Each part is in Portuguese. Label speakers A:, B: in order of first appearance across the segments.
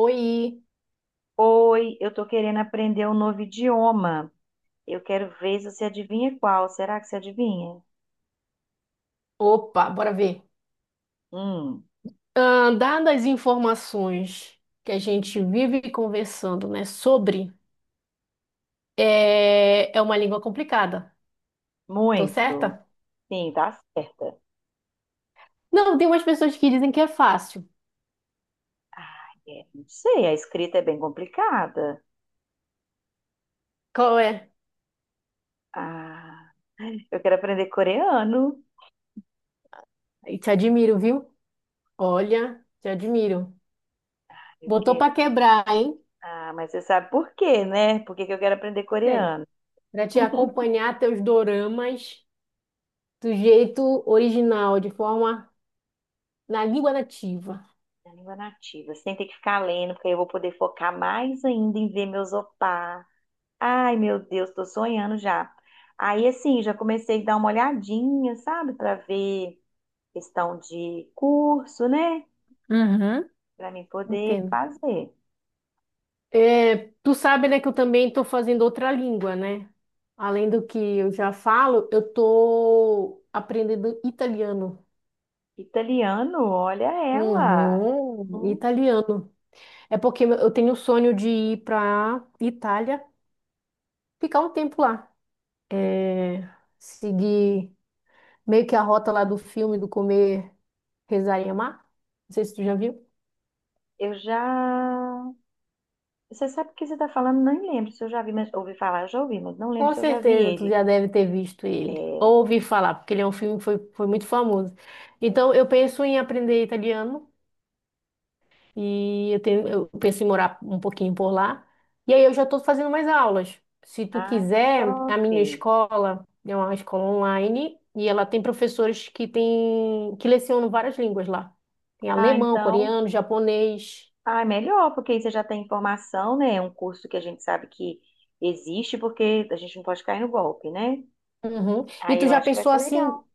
A: Oi,
B: Oi, eu tô querendo aprender um novo idioma. Eu quero ver se você adivinha qual. Será que você adivinha?
A: opa, bora ver.
B: Hum,
A: Dadas as informações que a gente vive conversando, né, sobre, é uma língua complicada, tô
B: muito.
A: certa?
B: Sim, tá certa.
A: Não, tem umas pessoas que dizem que é fácil.
B: Ah, é, não sei, a escrita é bem complicada.
A: Qual é?
B: Ah, eu quero aprender coreano.
A: E te admiro, viu? Olha, te admiro.
B: Ah, eu
A: Botou
B: quero.
A: pra quebrar, hein?
B: Ah, mas você sabe por quê, né? Por que que eu quero aprender
A: Bem,
B: coreano?
A: pra te acompanhar teus doramas do jeito original, de forma na língua nativa.
B: É a língua nativa. Você tem que ficar lendo, porque aí eu vou poder focar mais ainda em ver meus opá. Ai, meu Deus, tô sonhando já. Aí, assim, já comecei a dar uma olhadinha, sabe, para ver questão de curso, né,
A: Uhum.
B: pra mim poder
A: Entendo.
B: fazer.
A: É, tu sabe, né, que eu também estou fazendo outra língua, né? Além do que eu já falo, eu estou aprendendo italiano.
B: Italiano, olha ela.
A: Uhum,
B: Hum,
A: italiano. É porque eu tenho o sonho de ir para Itália, ficar um tempo lá. É, seguir meio que a rota lá do filme do comer, rezar e amar. Não sei se tu já viu.
B: Eu já. Você sabe o que você tá falando? Não lembro se eu já vi, mas ouvi falar, já ouvi, mas não lembro
A: Com
B: se eu já vi
A: certeza, tu
B: ele.
A: já deve ter visto
B: É...
A: ele. Ou ouvi falar, porque ele é um filme que foi muito famoso. Então, eu penso em aprender italiano e eu penso em morar um pouquinho por lá. E aí eu já estou fazendo mais aulas. Se tu
B: Ah, que
A: quiser, a
B: top.
A: minha escola é uma escola online e ela tem professores que lecionam várias línguas lá. Tem
B: Ah,
A: alemão,
B: então.
A: coreano, japonês.
B: Ah, é melhor, porque aí você já tem informação, né? É um curso que a gente sabe que existe, porque a gente não pode cair no golpe, né?
A: Uhum. E
B: Aí
A: tu
B: eu
A: já
B: acho que vai
A: pensou
B: ser
A: assim.
B: legal.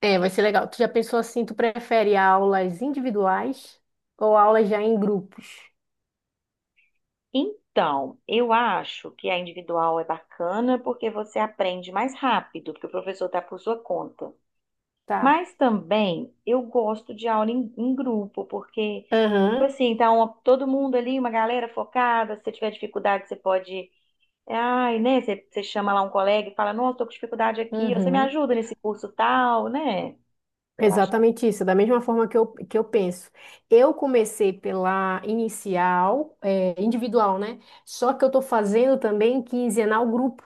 A: É, vai ser legal. Tu já pensou assim, tu prefere aulas individuais ou aulas já em grupos?
B: Então, eu acho que a individual é bacana porque você aprende mais rápido, porque o professor está por sua conta.
A: Tá.
B: Mas também eu gosto de aula em grupo, porque, tipo
A: Aham,
B: assim, tá uma- todo mundo ali, uma galera focada. Se você tiver dificuldade, você pode. Ai, né? Você chama lá um colega e fala, nossa, tô com dificuldade aqui, você me
A: uhum.
B: ajuda nesse curso tal, né? Eu acho.
A: Exatamente isso, da mesma forma que eu penso. Eu comecei pela inicial, individual, né? Só que eu tô fazendo também quinzenal grupo.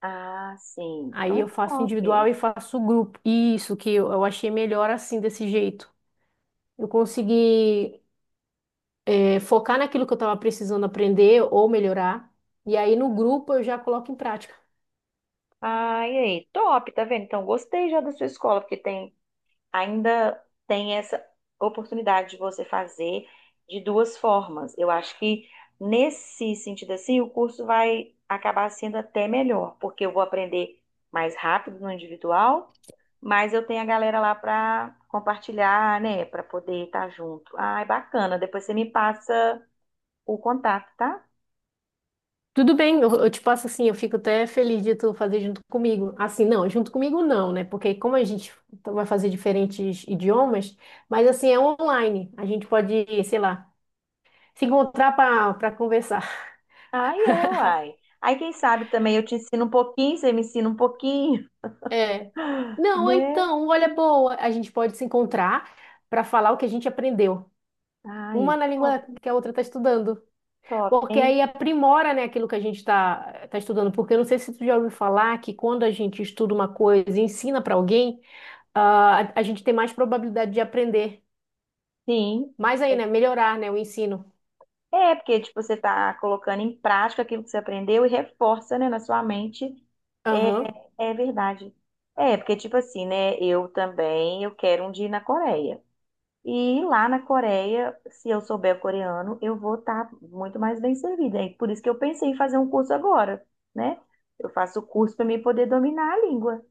B: Ah, sim. Então
A: Aí
B: é
A: eu faço
B: top.
A: individual e faço grupo. Isso que eu achei melhor assim, desse jeito. Eu consegui, focar naquilo que eu estava precisando aprender ou melhorar. E aí no grupo eu já coloco em prática.
B: Ah, e aí? Top, tá vendo? Então gostei já da sua escola, porque tem ainda tem essa oportunidade de você fazer de duas formas. Eu acho que nesse sentido assim, o curso vai acabar sendo até melhor, porque eu vou aprender mais rápido no individual, mas eu tenho a galera lá para compartilhar, né, para poder estar junto. Ai, bacana. Depois você me passa o contato, tá?
A: Tudo bem, eu te passo assim, eu fico até feliz de tu fazer junto comigo. Assim, não, junto comigo não, né? Porque como a gente vai fazer diferentes idiomas, mas assim, é online. A gente pode, sei lá, se encontrar para conversar.
B: Ai, é, uai. Aí, quem sabe também eu te ensino um pouquinho, você me ensina um pouquinho,
A: É. Não,
B: né?
A: então, olha, boa, a gente pode se encontrar para falar o que a gente aprendeu. Uma
B: Ai,
A: na
B: top,
A: língua que a outra está estudando.
B: top,
A: Porque
B: hein?
A: aí aprimora, né, aquilo que a gente está tá estudando. Porque eu não sei se tu já ouviu falar que quando a gente estuda uma coisa e ensina para alguém, a gente tem mais probabilidade de aprender.
B: Sim.
A: Mais aí,
B: É.
A: né? Melhorar, né, o ensino.
B: É, porque, tipo, você está colocando em prática aquilo que você aprendeu e reforça, né, na sua mente. É,
A: Aham,
B: é verdade. É, porque, tipo assim, né, eu também, eu quero um dia ir na Coreia. E lá na Coreia, se eu souber coreano, eu vou estar muito mais bem servida. E por isso que eu pensei em fazer um curso agora, né? Eu faço o curso para mim poder dominar a língua.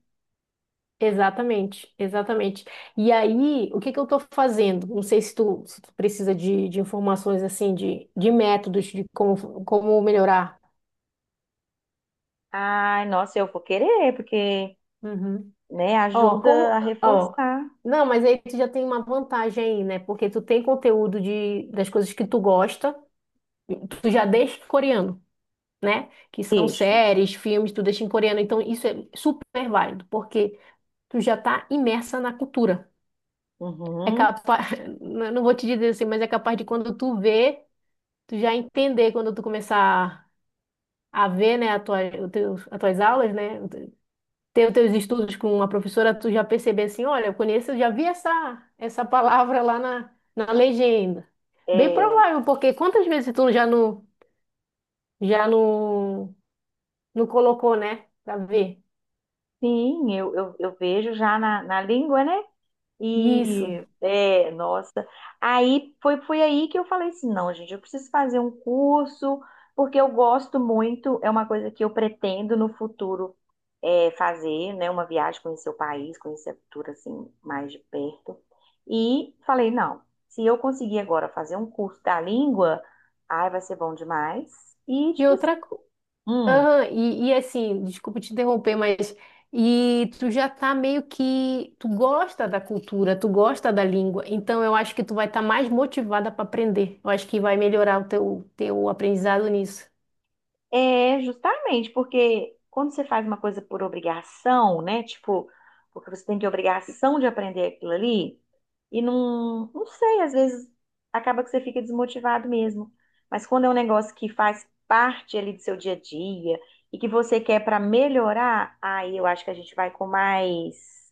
A: exatamente, exatamente. E aí, o que que eu estou fazendo? Não sei se tu precisa de informações assim, de métodos, de como melhorar.
B: Ai, nossa, eu vou querer, porque,
A: Uhum.
B: né,
A: Ó,
B: ajuda a
A: ó,
B: reforçar.
A: não, mas aí tu já tem uma vantagem aí, né? Porque tu tem conteúdo das coisas que tu gosta, tu já deixa em coreano, né? Que são
B: Deixo.
A: séries, filmes, tu deixa em coreano. Então isso é super válido, porque tu já tá imersa na cultura. É
B: Uhum.
A: capaz, não vou te dizer assim, mas é capaz de quando tu vê, tu já entender quando tu começar a ver, né, a tua, o teu, as tuas aulas, né? Ter os teus estudos com uma professora, tu já perceber assim, olha, eu conheço, eu já vi essa palavra lá na legenda. Bem
B: É,
A: provável, porque quantas vezes tu já não colocou, né? Pra ver.
B: sim, eu vejo já na, na língua, né?
A: Isso.
B: E, é, nossa. Aí foi, foi aí que eu falei assim: não, gente, eu preciso fazer um curso, porque eu gosto muito, é uma coisa que eu pretendo no futuro é, fazer, né? Uma viagem, conhecer o país, conhecer a cultura, assim, mais de perto. E falei: não, se eu conseguir agora fazer um curso da língua, ai, vai ser bom demais. E,
A: E
B: tipo assim,
A: outra coisa.
B: "Hum,
A: E assim, desculpa te interromper, mas. E tu já tá meio que. Tu gosta da cultura, tu gosta da língua, então eu acho que tu vai estar mais motivada para aprender. Eu acho que vai melhorar o teu aprendizado nisso.
B: é, justamente, porque quando você faz uma coisa por obrigação, né? Tipo, porque você tem que obrigação de aprender aquilo ali, e não, não sei, às vezes acaba que você fica desmotivado mesmo. Mas quando é um negócio que faz parte ali do seu dia a dia e que você quer para melhorar, aí eu acho que a gente vai com mais,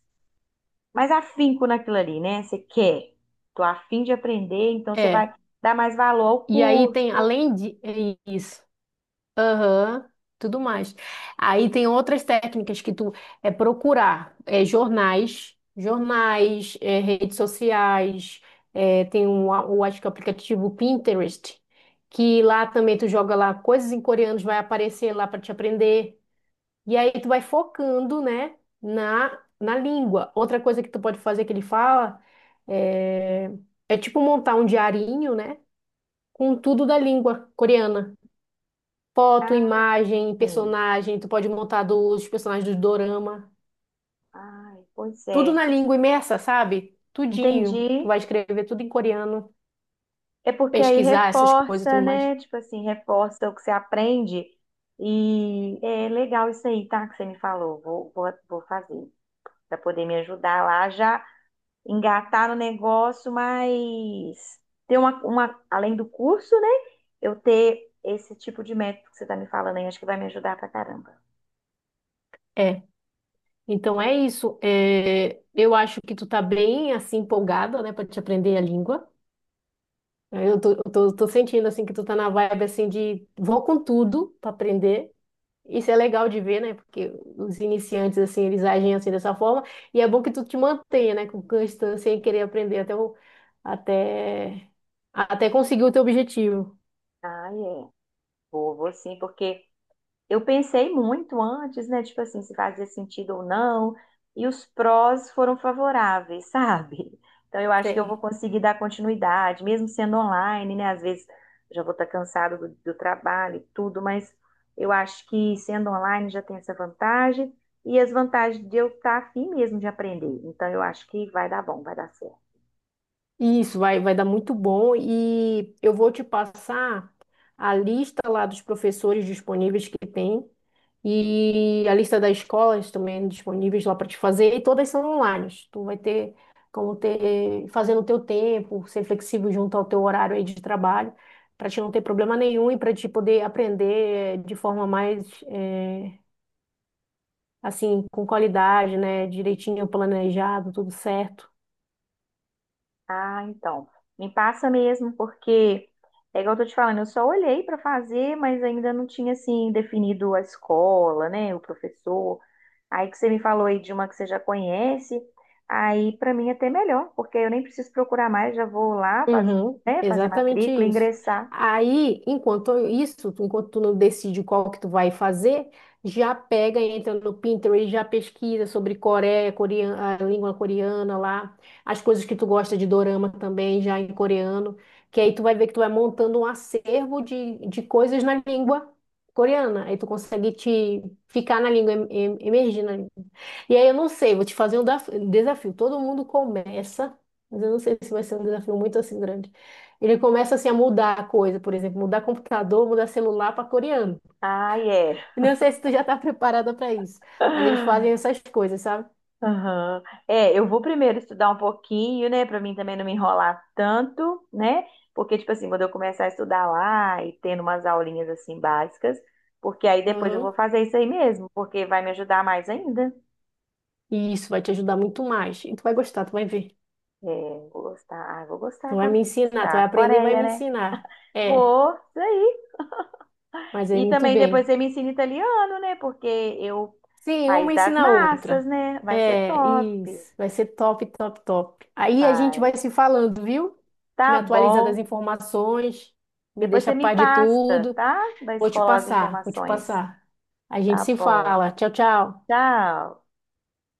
B: mais afinco naquilo ali, né? Você quer, tô afim de aprender, então você vai
A: É.
B: dar mais valor ao
A: E aí tem,
B: curso.
A: além de isso, aham, tudo mais. Aí tem outras técnicas que tu procurar jornais, redes sociais, tem um, o, acho que é o aplicativo Pinterest, que lá também tu joga lá coisas em coreanos, vai aparecer lá para te aprender. E aí tu vai focando, né, na língua. Outra coisa que tu pode fazer que ele fala é, é tipo montar um diarinho, né? Com tudo da língua coreana. Foto, imagem,
B: Sim.
A: personagem, tu pode montar dos personagens do dorama.
B: Ai, pois
A: Tudo
B: é.
A: na língua imersa, sabe? Tudinho. Tu
B: Entendi.
A: vai escrever tudo em coreano,
B: É porque aí
A: pesquisar essas coisas e
B: reforça,
A: tudo mais.
B: né? Tipo assim, reforça o que você aprende. E é legal isso aí, tá? Que você me falou. Vou fazer. Pra poder me ajudar lá, já engatar no negócio, mas ter uma, além do curso, né? Eu ter esse tipo de método que você tá me falando aí, acho que vai me ajudar pra caramba.
A: É. Então é isso. É, eu acho que tu tá bem assim empolgada, né, pra te aprender a língua. Eu tô sentindo assim que tu tá na vibe assim de vou com tudo pra aprender. Isso é legal de ver, né? Porque os iniciantes, assim, eles agem assim dessa forma. E é bom que tu te mantenha, né? Com constância em querer aprender até, até conseguir o teu objetivo.
B: Ah, é. Vou, vou sim, porque. Eu pensei muito antes, né? Tipo assim, se fazia sentido ou não. E os prós foram favoráveis, sabe? Então eu acho que eu vou
A: Sei.
B: conseguir dar continuidade, mesmo sendo online, né? Às vezes já vou estar cansado do trabalho e tudo, mas eu acho que sendo online já tem essa vantagem e as vantagens de eu estar afim mesmo de aprender. Então eu acho que vai dar bom, vai dar certo.
A: Isso vai dar muito bom e eu vou te passar a lista lá dos professores disponíveis que tem e a lista das escolas também disponíveis lá para te fazer e todas são online. Tu vai ter como ter fazendo o teu tempo, ser flexível junto ao teu horário aí de trabalho para te não ter problema nenhum e para te poder aprender de forma mais assim com qualidade, né? Direitinho planejado, tudo certo.
B: Ah, então. Me passa mesmo, porque é igual eu tô te falando, eu só olhei para fazer, mas ainda não tinha assim definido a escola, né, o professor. Aí que você me falou aí de uma que você já conhece, aí para mim é até melhor, porque eu nem preciso procurar mais, já vou lá faz,
A: Uhum,
B: né, fazer
A: exatamente
B: matrícula,
A: isso.
B: ingressar.
A: Aí, enquanto isso, enquanto tu não decide qual que tu vai fazer, já pega, entra no Pinterest, já pesquisa sobre Coreia, coreana, a língua coreana lá, as coisas que tu gosta de dorama também, já em coreano, que aí tu vai ver que tu vai montando um acervo de coisas na língua coreana. Aí tu consegue te ficar na língua, emergir na língua. E aí eu não sei, vou te fazer um desafio. Todo mundo começa. Mas eu não sei se vai ser um desafio muito assim grande. Ele começa assim a mudar a coisa, por exemplo, mudar computador, mudar celular para coreano.
B: Ah, é.
A: Não sei se tu já está preparada para isso, mas eles fazem essas coisas, sabe?
B: Aham. É, eu vou primeiro estudar um pouquinho, né, pra mim também não me enrolar tanto, né? Porque tipo assim, quando eu começar a estudar lá e tendo umas aulinhas assim básicas, porque aí depois eu vou
A: Uhum.
B: fazer isso aí mesmo, porque vai me ajudar mais ainda.
A: E isso vai te ajudar muito mais. E tu vai gostar, tu vai ver.
B: É, vou gostar, ah, vou gostar,
A: Tu vai
B: agora
A: me
B: vou
A: ensinar, tu vai
B: gostar.
A: aprender e vai
B: Coreia,
A: me
B: né?
A: ensinar. É,
B: Vou, isso aí.
A: mas é
B: E
A: muito
B: também depois
A: bem.
B: você me ensina italiano, né? Porque eu,
A: Sim,
B: país
A: uma
B: das
A: ensina a
B: massas,
A: outra.
B: né? Vai ser
A: É,
B: top.
A: isso. Vai ser top, top, top. Aí a gente
B: Vai.
A: vai se falando, viu? Tu me
B: Tá
A: atualiza das
B: bom.
A: informações, me
B: Depois
A: deixa a
B: você me
A: par de
B: passa,
A: tudo.
B: tá? Da
A: Vou te
B: escola as
A: passar, vou te
B: informações.
A: passar. A gente
B: Tá
A: se
B: bom.
A: fala. Tchau, tchau.
B: Tchau.